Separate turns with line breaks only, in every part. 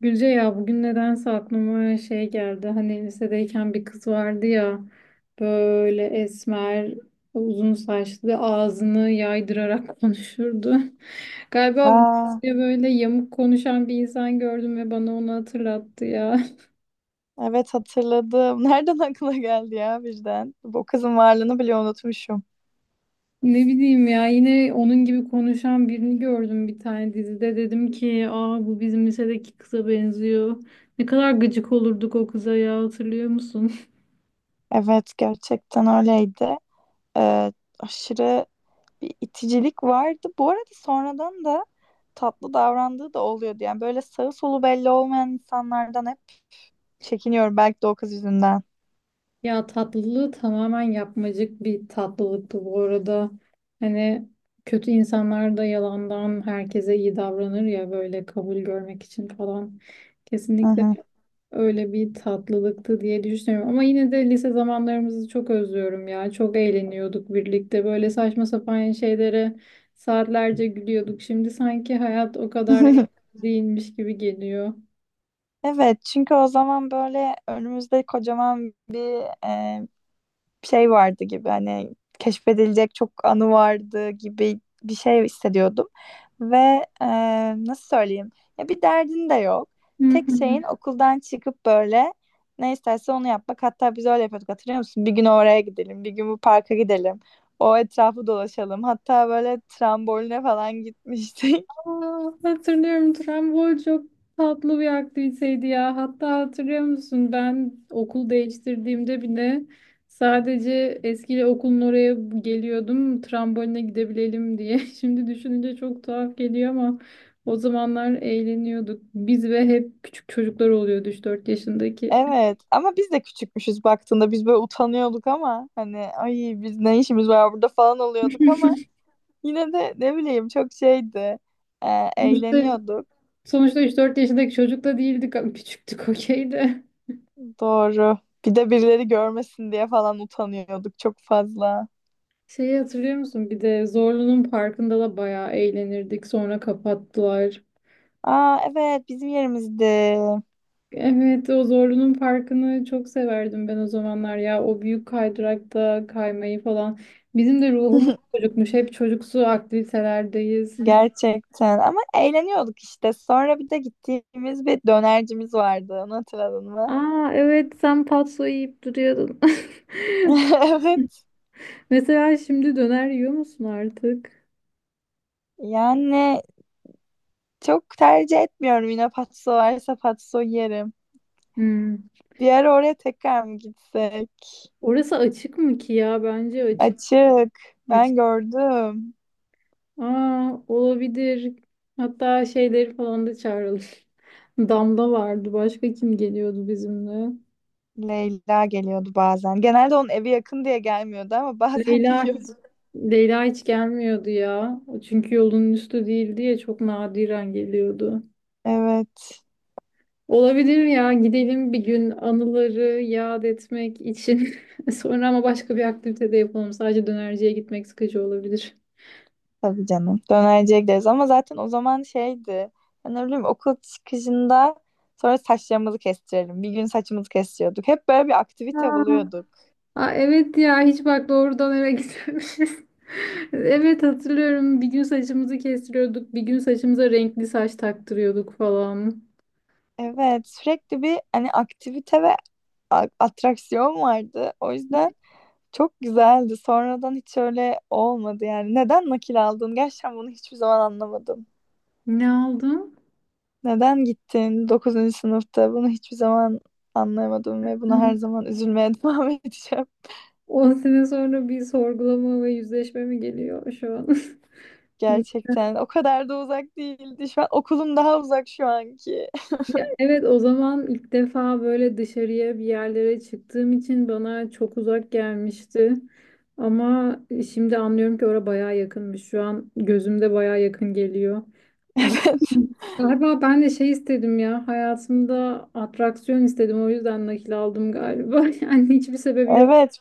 Gülce ya bugün nedense aklıma şey geldi. Hani lisedeyken bir kız vardı ya böyle esmer, uzun saçlı, ağzını yaydırarak konuşurdu. Galiba bu
Aa,
diye böyle yamuk konuşan bir insan gördüm ve bana onu hatırlattı ya.
evet hatırladım. Nereden aklına geldi ya birden? Bu kızın varlığını bile unutmuşum.
Ne bileyim ya yine onun gibi konuşan birini gördüm bir tane dizide. Dedim ki aa bu bizim lisedeki kıza benziyor. Ne kadar gıcık olurduk o kıza ya hatırlıyor musun?
Evet gerçekten öyleydi. Ee, aşırı bir iticilik vardı. Bu arada sonradan da tatlı davrandığı da oluyordu. Yani böyle sağı solu belli olmayan insanlardan hep çekiniyorum. Belki de o kız yüzünden.
Ya tatlılığı tamamen yapmacık bir tatlılıktı bu arada. Hani kötü insanlar da yalandan herkese iyi davranır ya böyle kabul görmek için falan.
Hı
Kesinlikle
hı.
öyle bir tatlılıktı diye düşünüyorum. Ama yine de lise zamanlarımızı çok özlüyorum ya. Çok eğleniyorduk birlikte. Böyle saçma sapan şeylere saatlerce gülüyorduk. Şimdi sanki hayat o kadar eğlenceli değilmiş gibi geliyor.
Evet çünkü o zaman böyle önümüzde kocaman bir şey vardı gibi hani keşfedilecek çok anı vardı gibi bir şey hissediyordum. Ve e, nasıl söyleyeyim? Ya bir derdin de yok. Tek şeyin okuldan çıkıp böyle ne isterse onu yapmak. Hatta biz öyle yapıyorduk hatırlıyor musun? Bir gün oraya gidelim, bir gün bu parka gidelim. O etrafı dolaşalım. Hatta böyle tramboline falan gitmiştik.
Aa, hatırlıyorum Trambol çok tatlı bir aktiviteydi ya. Hatta hatırlıyor musun ben okul değiştirdiğimde bile sadece eski okulun oraya geliyordum tramboline gidebilelim diye. Şimdi düşününce çok tuhaf geliyor ama o zamanlar eğleniyorduk. Biz ve hep küçük çocuklar oluyordu 3-4 yaşındaki.
Evet ama biz de küçükmüşüz baktığında biz böyle utanıyorduk ama hani ay biz ne işimiz var burada falan oluyorduk ama yine de ne bileyim çok şeydi.
Sonuçta,
Eğleniyorduk.
sonuçta, 3-4 yaşındaki çocuk da değildik ama küçüktük okey de.
Doğru. Bir de birileri görmesin diye falan utanıyorduk çok fazla.
Şeyi hatırlıyor musun? Bir de Zorlu'nun parkında da bayağı eğlenirdik. Sonra kapattılar.
Aa evet bizim yerimizdi.
Evet, o Zorlu'nun parkını çok severdim ben o zamanlar ya. O büyük kaydırakta kaymayı falan. Bizim de ruhumuz çocukmuş. Hep çocuksu aktivitelerdeyiz.
Gerçekten ama eğleniyorduk işte. Sonra bir de gittiğimiz bir dönercimiz vardı. Onu hatırladın mı?
Aa evet, sen patso yiyip duruyordun.
Evet.
Mesela şimdi döner yiyor musun artık?
Yani çok tercih etmiyorum yine patso varsa patso yerim.
Hmm.
Bir ara oraya tekrar mı gitsek?
Orası açık mı ki ya? Bence açık.
Açık.
Açık.
Ben gördüm.
Aa, olabilir. Hatta şeyleri falan da çağıralım. Damla vardı. Başka kim geliyordu bizimle?
Leyla geliyordu bazen. Genelde onun evi yakın diye gelmiyordu ama bazen
Leyla hiç
geliyordu.
Leyla hiç gelmiyordu ya. Çünkü yolun üstü değildi ya çok nadiren geliyordu.
Evet.
Olabilir ya, gidelim bir gün anıları yad etmek için. Sonra ama başka bir aktivite de yapalım. Sadece dönerciye gitmek sıkıcı olabilir.
Tabii canım. Dönerciye gideriz ama zaten o zaman şeydi. Ben ne bileyim okul çıkışında sonra saçlarımızı kestirelim. Bir gün saçımızı kestiriyorduk. Hep böyle bir aktivite
Ha.
buluyorduk.
Aa, evet ya hiç bak doğrudan eve gitmemişiz. Evet hatırlıyorum, bir gün saçımızı kestiriyorduk, bir gün saçımıza renkli saç taktırıyorduk falan.
Evet. Sürekli bir hani aktivite ve atraksiyon vardı. O yüzden çok güzeldi. Sonradan hiç öyle olmadı yani. Neden nakil aldın? Gerçekten bunu hiçbir zaman anlamadım.
Ne aldım?
Neden gittin dokuzuncu sınıfta? Bunu hiçbir zaman anlayamadım ve buna her zaman üzülmeye devam edeceğim.
10 sene sonra bir sorgulama ve yüzleşme mi geliyor şu an?
Gerçekten o kadar da uzak değildi. Şu an okulum daha uzak şu anki.
Ya evet, o zaman ilk defa böyle dışarıya bir yerlere çıktığım için bana çok uzak gelmişti. Ama şimdi anlıyorum ki oraya bayağı yakınmış. Şu an gözümde bayağı yakın geliyor. Bir-
Evet.
Galiba ben de şey istedim ya, hayatımda atraksiyon istedim, o yüzden nakil aldım galiba. Yani hiçbir sebebi yok.
Evet.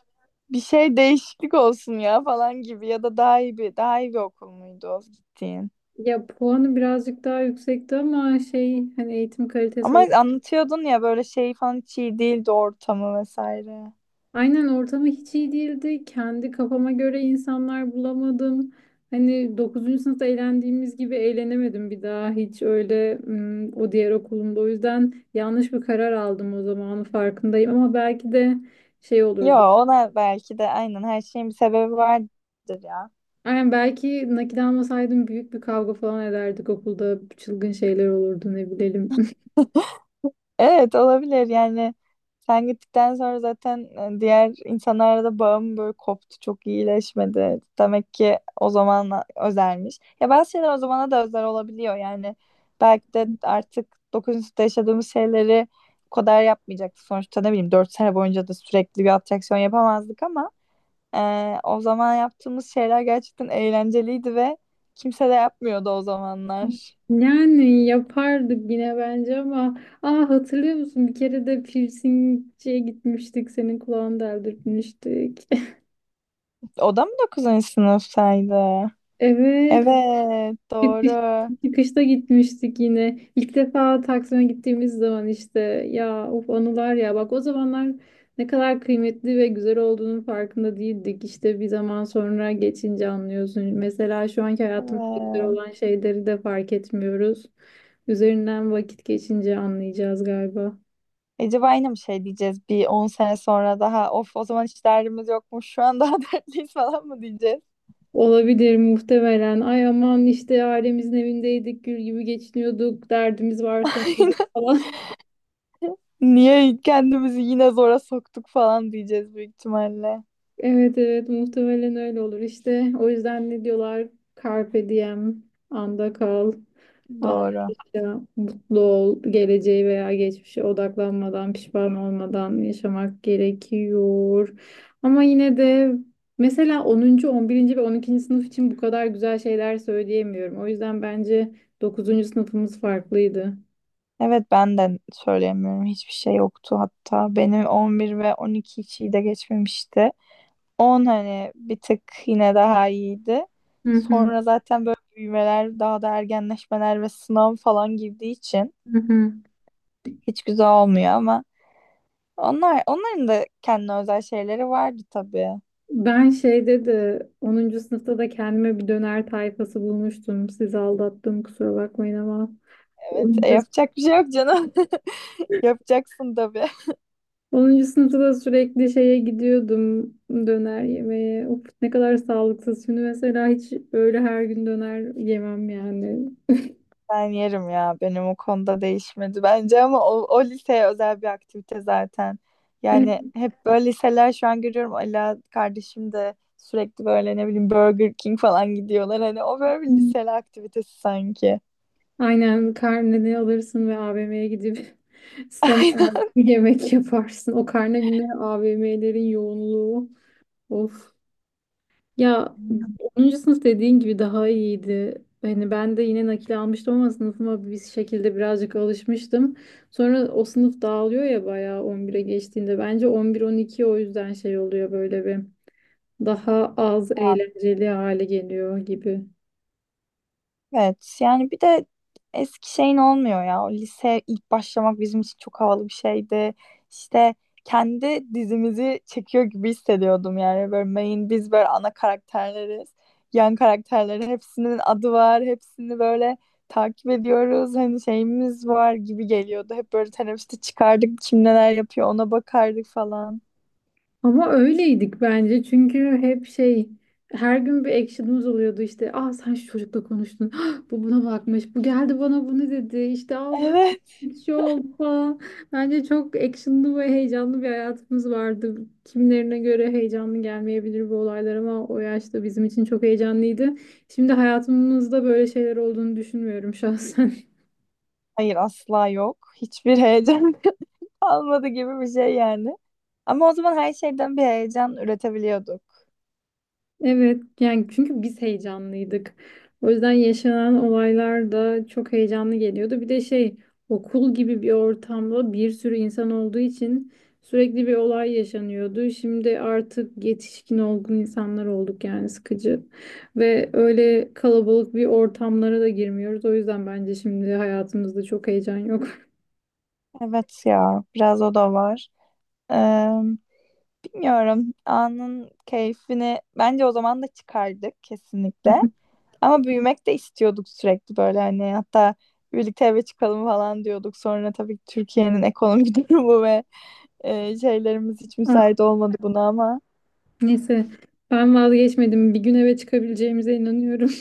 Bir şey değişiklik olsun ya falan gibi ya da daha iyi bir okul muydu o gittiğin?
Ya puanı birazcık daha yüksekti ama şey, hani eğitim kalitesi.
Ama anlatıyordun ya böyle şey falan hiç iyi değildi ortamı vesaire.
Aynen, ortamı hiç iyi değildi. Kendi kafama göre insanlar bulamadım. Hani 9. sınıfta eğlendiğimiz gibi eğlenemedim bir daha hiç öyle, o diğer okulumda. O yüzden yanlış bir karar aldım o, zamanın farkındayım ama belki de şey
Yo
olurdu.
ona belki de aynen her şeyin bir sebebi vardır ya.
Aynen, belki nakit almasaydım büyük bir kavga falan ederdik okulda. Çılgın şeyler olurdu, ne bilelim.
Evet olabilir yani sen gittikten sonra zaten diğer insanlarla da bağım böyle koptu çok iyileşmedi. Demek ki o zaman özelmiş. Ya bazı şeyler o zamana da özel olabiliyor yani belki de artık dokuzuncu sınıfta yaşadığımız şeyleri o kadar yapmayacaktık. Sonuçta ne bileyim 4 sene boyunca da sürekli bir atraksiyon yapamazdık ama o zaman yaptığımız şeyler gerçekten eğlenceliydi ve kimse de yapmıyordu o zamanlar.
Yani yapardık yine bence ama. Aa, hatırlıyor musun? Bir kere de piercingciye gitmiştik. Senin kulağını deldirtmiştik.
O da mı 9. sınıftaydı?
Evet,
Evet,
çıkış,
doğru.
çıkışta gitmiştik yine. İlk defa Taksim'e gittiğimiz zaman işte, ya of anılar ya, bak o zamanlar ne kadar kıymetli ve güzel olduğunun farkında değildik. İşte bir zaman sonra geçince anlıyorsun. Mesela şu anki hayatımızda güzel
Evet.
olan şeyleri de fark etmiyoruz. Üzerinden vakit geçince anlayacağız galiba.
Acaba aynı mı şey diyeceğiz bir 10 sene sonra daha of o zaman hiç derdimiz yokmuş şu an daha dertliyiz falan mı diyeceğiz?
Olabilir muhtemelen. Ay aman işte ailemizin evindeydik, gül gibi geçiniyorduk, derdimiz varsa falan.
Niye kendimizi yine zora soktuk falan diyeceğiz büyük ihtimalle.
Evet evet, muhtemelen öyle olur işte. O yüzden ne diyorlar? Carpe diem, anda kal, an
Doğru.
yaşa, mutlu ol, geleceğe veya geçmişe odaklanmadan, pişman olmadan yaşamak gerekiyor. Ama yine de mesela 10. 11. ve 12. sınıf için bu kadar güzel şeyler söyleyemiyorum. O yüzden bence dokuzuncu sınıfımız farklıydı.
Evet ben de söyleyemiyorum. Hiçbir şey yoktu hatta. Benim 11 ve 12 içi de geçmemişti. On hani bir tık yine daha iyiydi.
Hı hı.
Sonra zaten böyle büyümeler, daha da ergenleşmeler ve sınav falan girdiği için
Hı hı.
hiç güzel olmuyor ama onlar onların da kendine özel şeyleri vardı tabii.
Ben şeyde de 10. sınıfta da kendime bir döner tayfası bulmuştum. Sizi aldattım, kusura bakmayın ama
Evet,
onuncu
yapacak bir şey yok canım. Yapacaksın tabii.
10. sınıfta da sürekli şeye gidiyordum, döner yemeye. Of, ne kadar sağlıksız. Şimdi mesela hiç böyle her gün döner yemem yani.
Ben yerim ya. Benim o konuda değişmedi bence ama o liseye özel bir aktivite zaten.
Evet.
Yani hep böyle liseler şu an görüyorum. Ala kardeşim de sürekli böyle ne bileyim Burger King falan gidiyorlar. Hani o böyle bir liseli aktivitesi sanki.
Aynen, karneni alırsın ve AVM'ye gidip sistem olarak bir yemek yaparsın. O karne günleri AVM'lerin yoğunluğu. Of. Ya 10. sınıf dediğin gibi daha iyiydi. Hani ben de yine nakil almıştım ama sınıfıma bir şekilde birazcık alışmıştım. Sonra o sınıf dağılıyor ya bayağı 11'e geçtiğinde. Bence 11 12 o yüzden şey oluyor, böyle bir daha az
Aynen.
eğlenceli hale geliyor gibi.
Evet yani bir de eski şeyin olmuyor ya. O lise ilk başlamak bizim için çok havalı bir şeydi. İşte kendi dizimizi çekiyor gibi hissediyordum yani. Böyle main biz böyle ana karakterleriz. Yan karakterlerin hepsinin adı var. Hepsini böyle takip ediyoruz. Hani şeyimiz var gibi geliyordu. Hep böyle teneffüste çıkardık. Kim neler yapıyor ona bakardık falan.
Ama öyleydik bence çünkü hep şey, her gün bir action'ımız oluyordu işte: ah sen şu çocukla konuştun, ah, bu buna bakmış, bu geldi bana bunu dedi işte, ah buraya
Evet.
bir şey oldu falan. Bence çok action'lı ve heyecanlı bir hayatımız vardı. Kimlerine göre heyecanlı gelmeyebilir bu olaylar ama o yaşta bizim için çok heyecanlıydı. Şimdi hayatımızda böyle şeyler olduğunu düşünmüyorum şahsen.
Hayır asla yok. Hiçbir heyecan. Almadı gibi bir şey yani. Ama o zaman her şeyden bir heyecan üretebiliyorduk.
Evet yani, çünkü biz heyecanlıydık. O yüzden yaşanan olaylar da çok heyecanlı geliyordu. Bir de şey, okul gibi bir ortamda bir sürü insan olduğu için sürekli bir olay yaşanıyordu. Şimdi artık yetişkin olgun insanlar olduk yani, sıkıcı. Ve öyle kalabalık bir ortamlara da girmiyoruz. O yüzden bence şimdi hayatımızda çok heyecan yok.
Evet ya, biraz o da var. Ee, Bilmiyorum, anın keyfini bence o zaman da çıkardık kesinlikle. Ama büyümek de istiyorduk sürekli böyle hani hatta birlikte eve çıkalım falan diyorduk. Sonra tabii ki Türkiye'nin ekonomik durumu ve şeylerimiz hiç
Aa,
müsait olmadı buna ama.
neyse, ben vazgeçmedim. Bir gün eve çıkabileceğimize inanıyorum.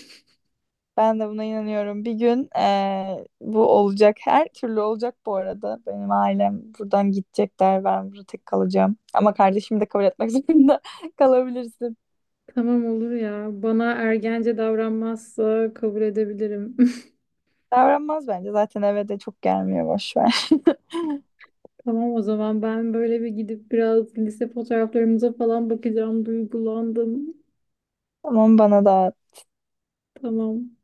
Ben de buna inanıyorum. Bir gün bu olacak. Her türlü olacak bu arada. Benim ailem buradan gidecekler. Ben burada tek kalacağım. Ama kardeşim de kabul etmek zorunda kalabilirsin.
Tamam olur ya. Bana ergence davranmazsa kabul edebilirim.
Davranmaz bence. Zaten eve de çok gelmiyor. Boş ver.
Tamam, o zaman ben böyle bir gidip biraz lise fotoğraflarımıza falan bakacağım. Duygulandım.
Tamam bana da
Tamam.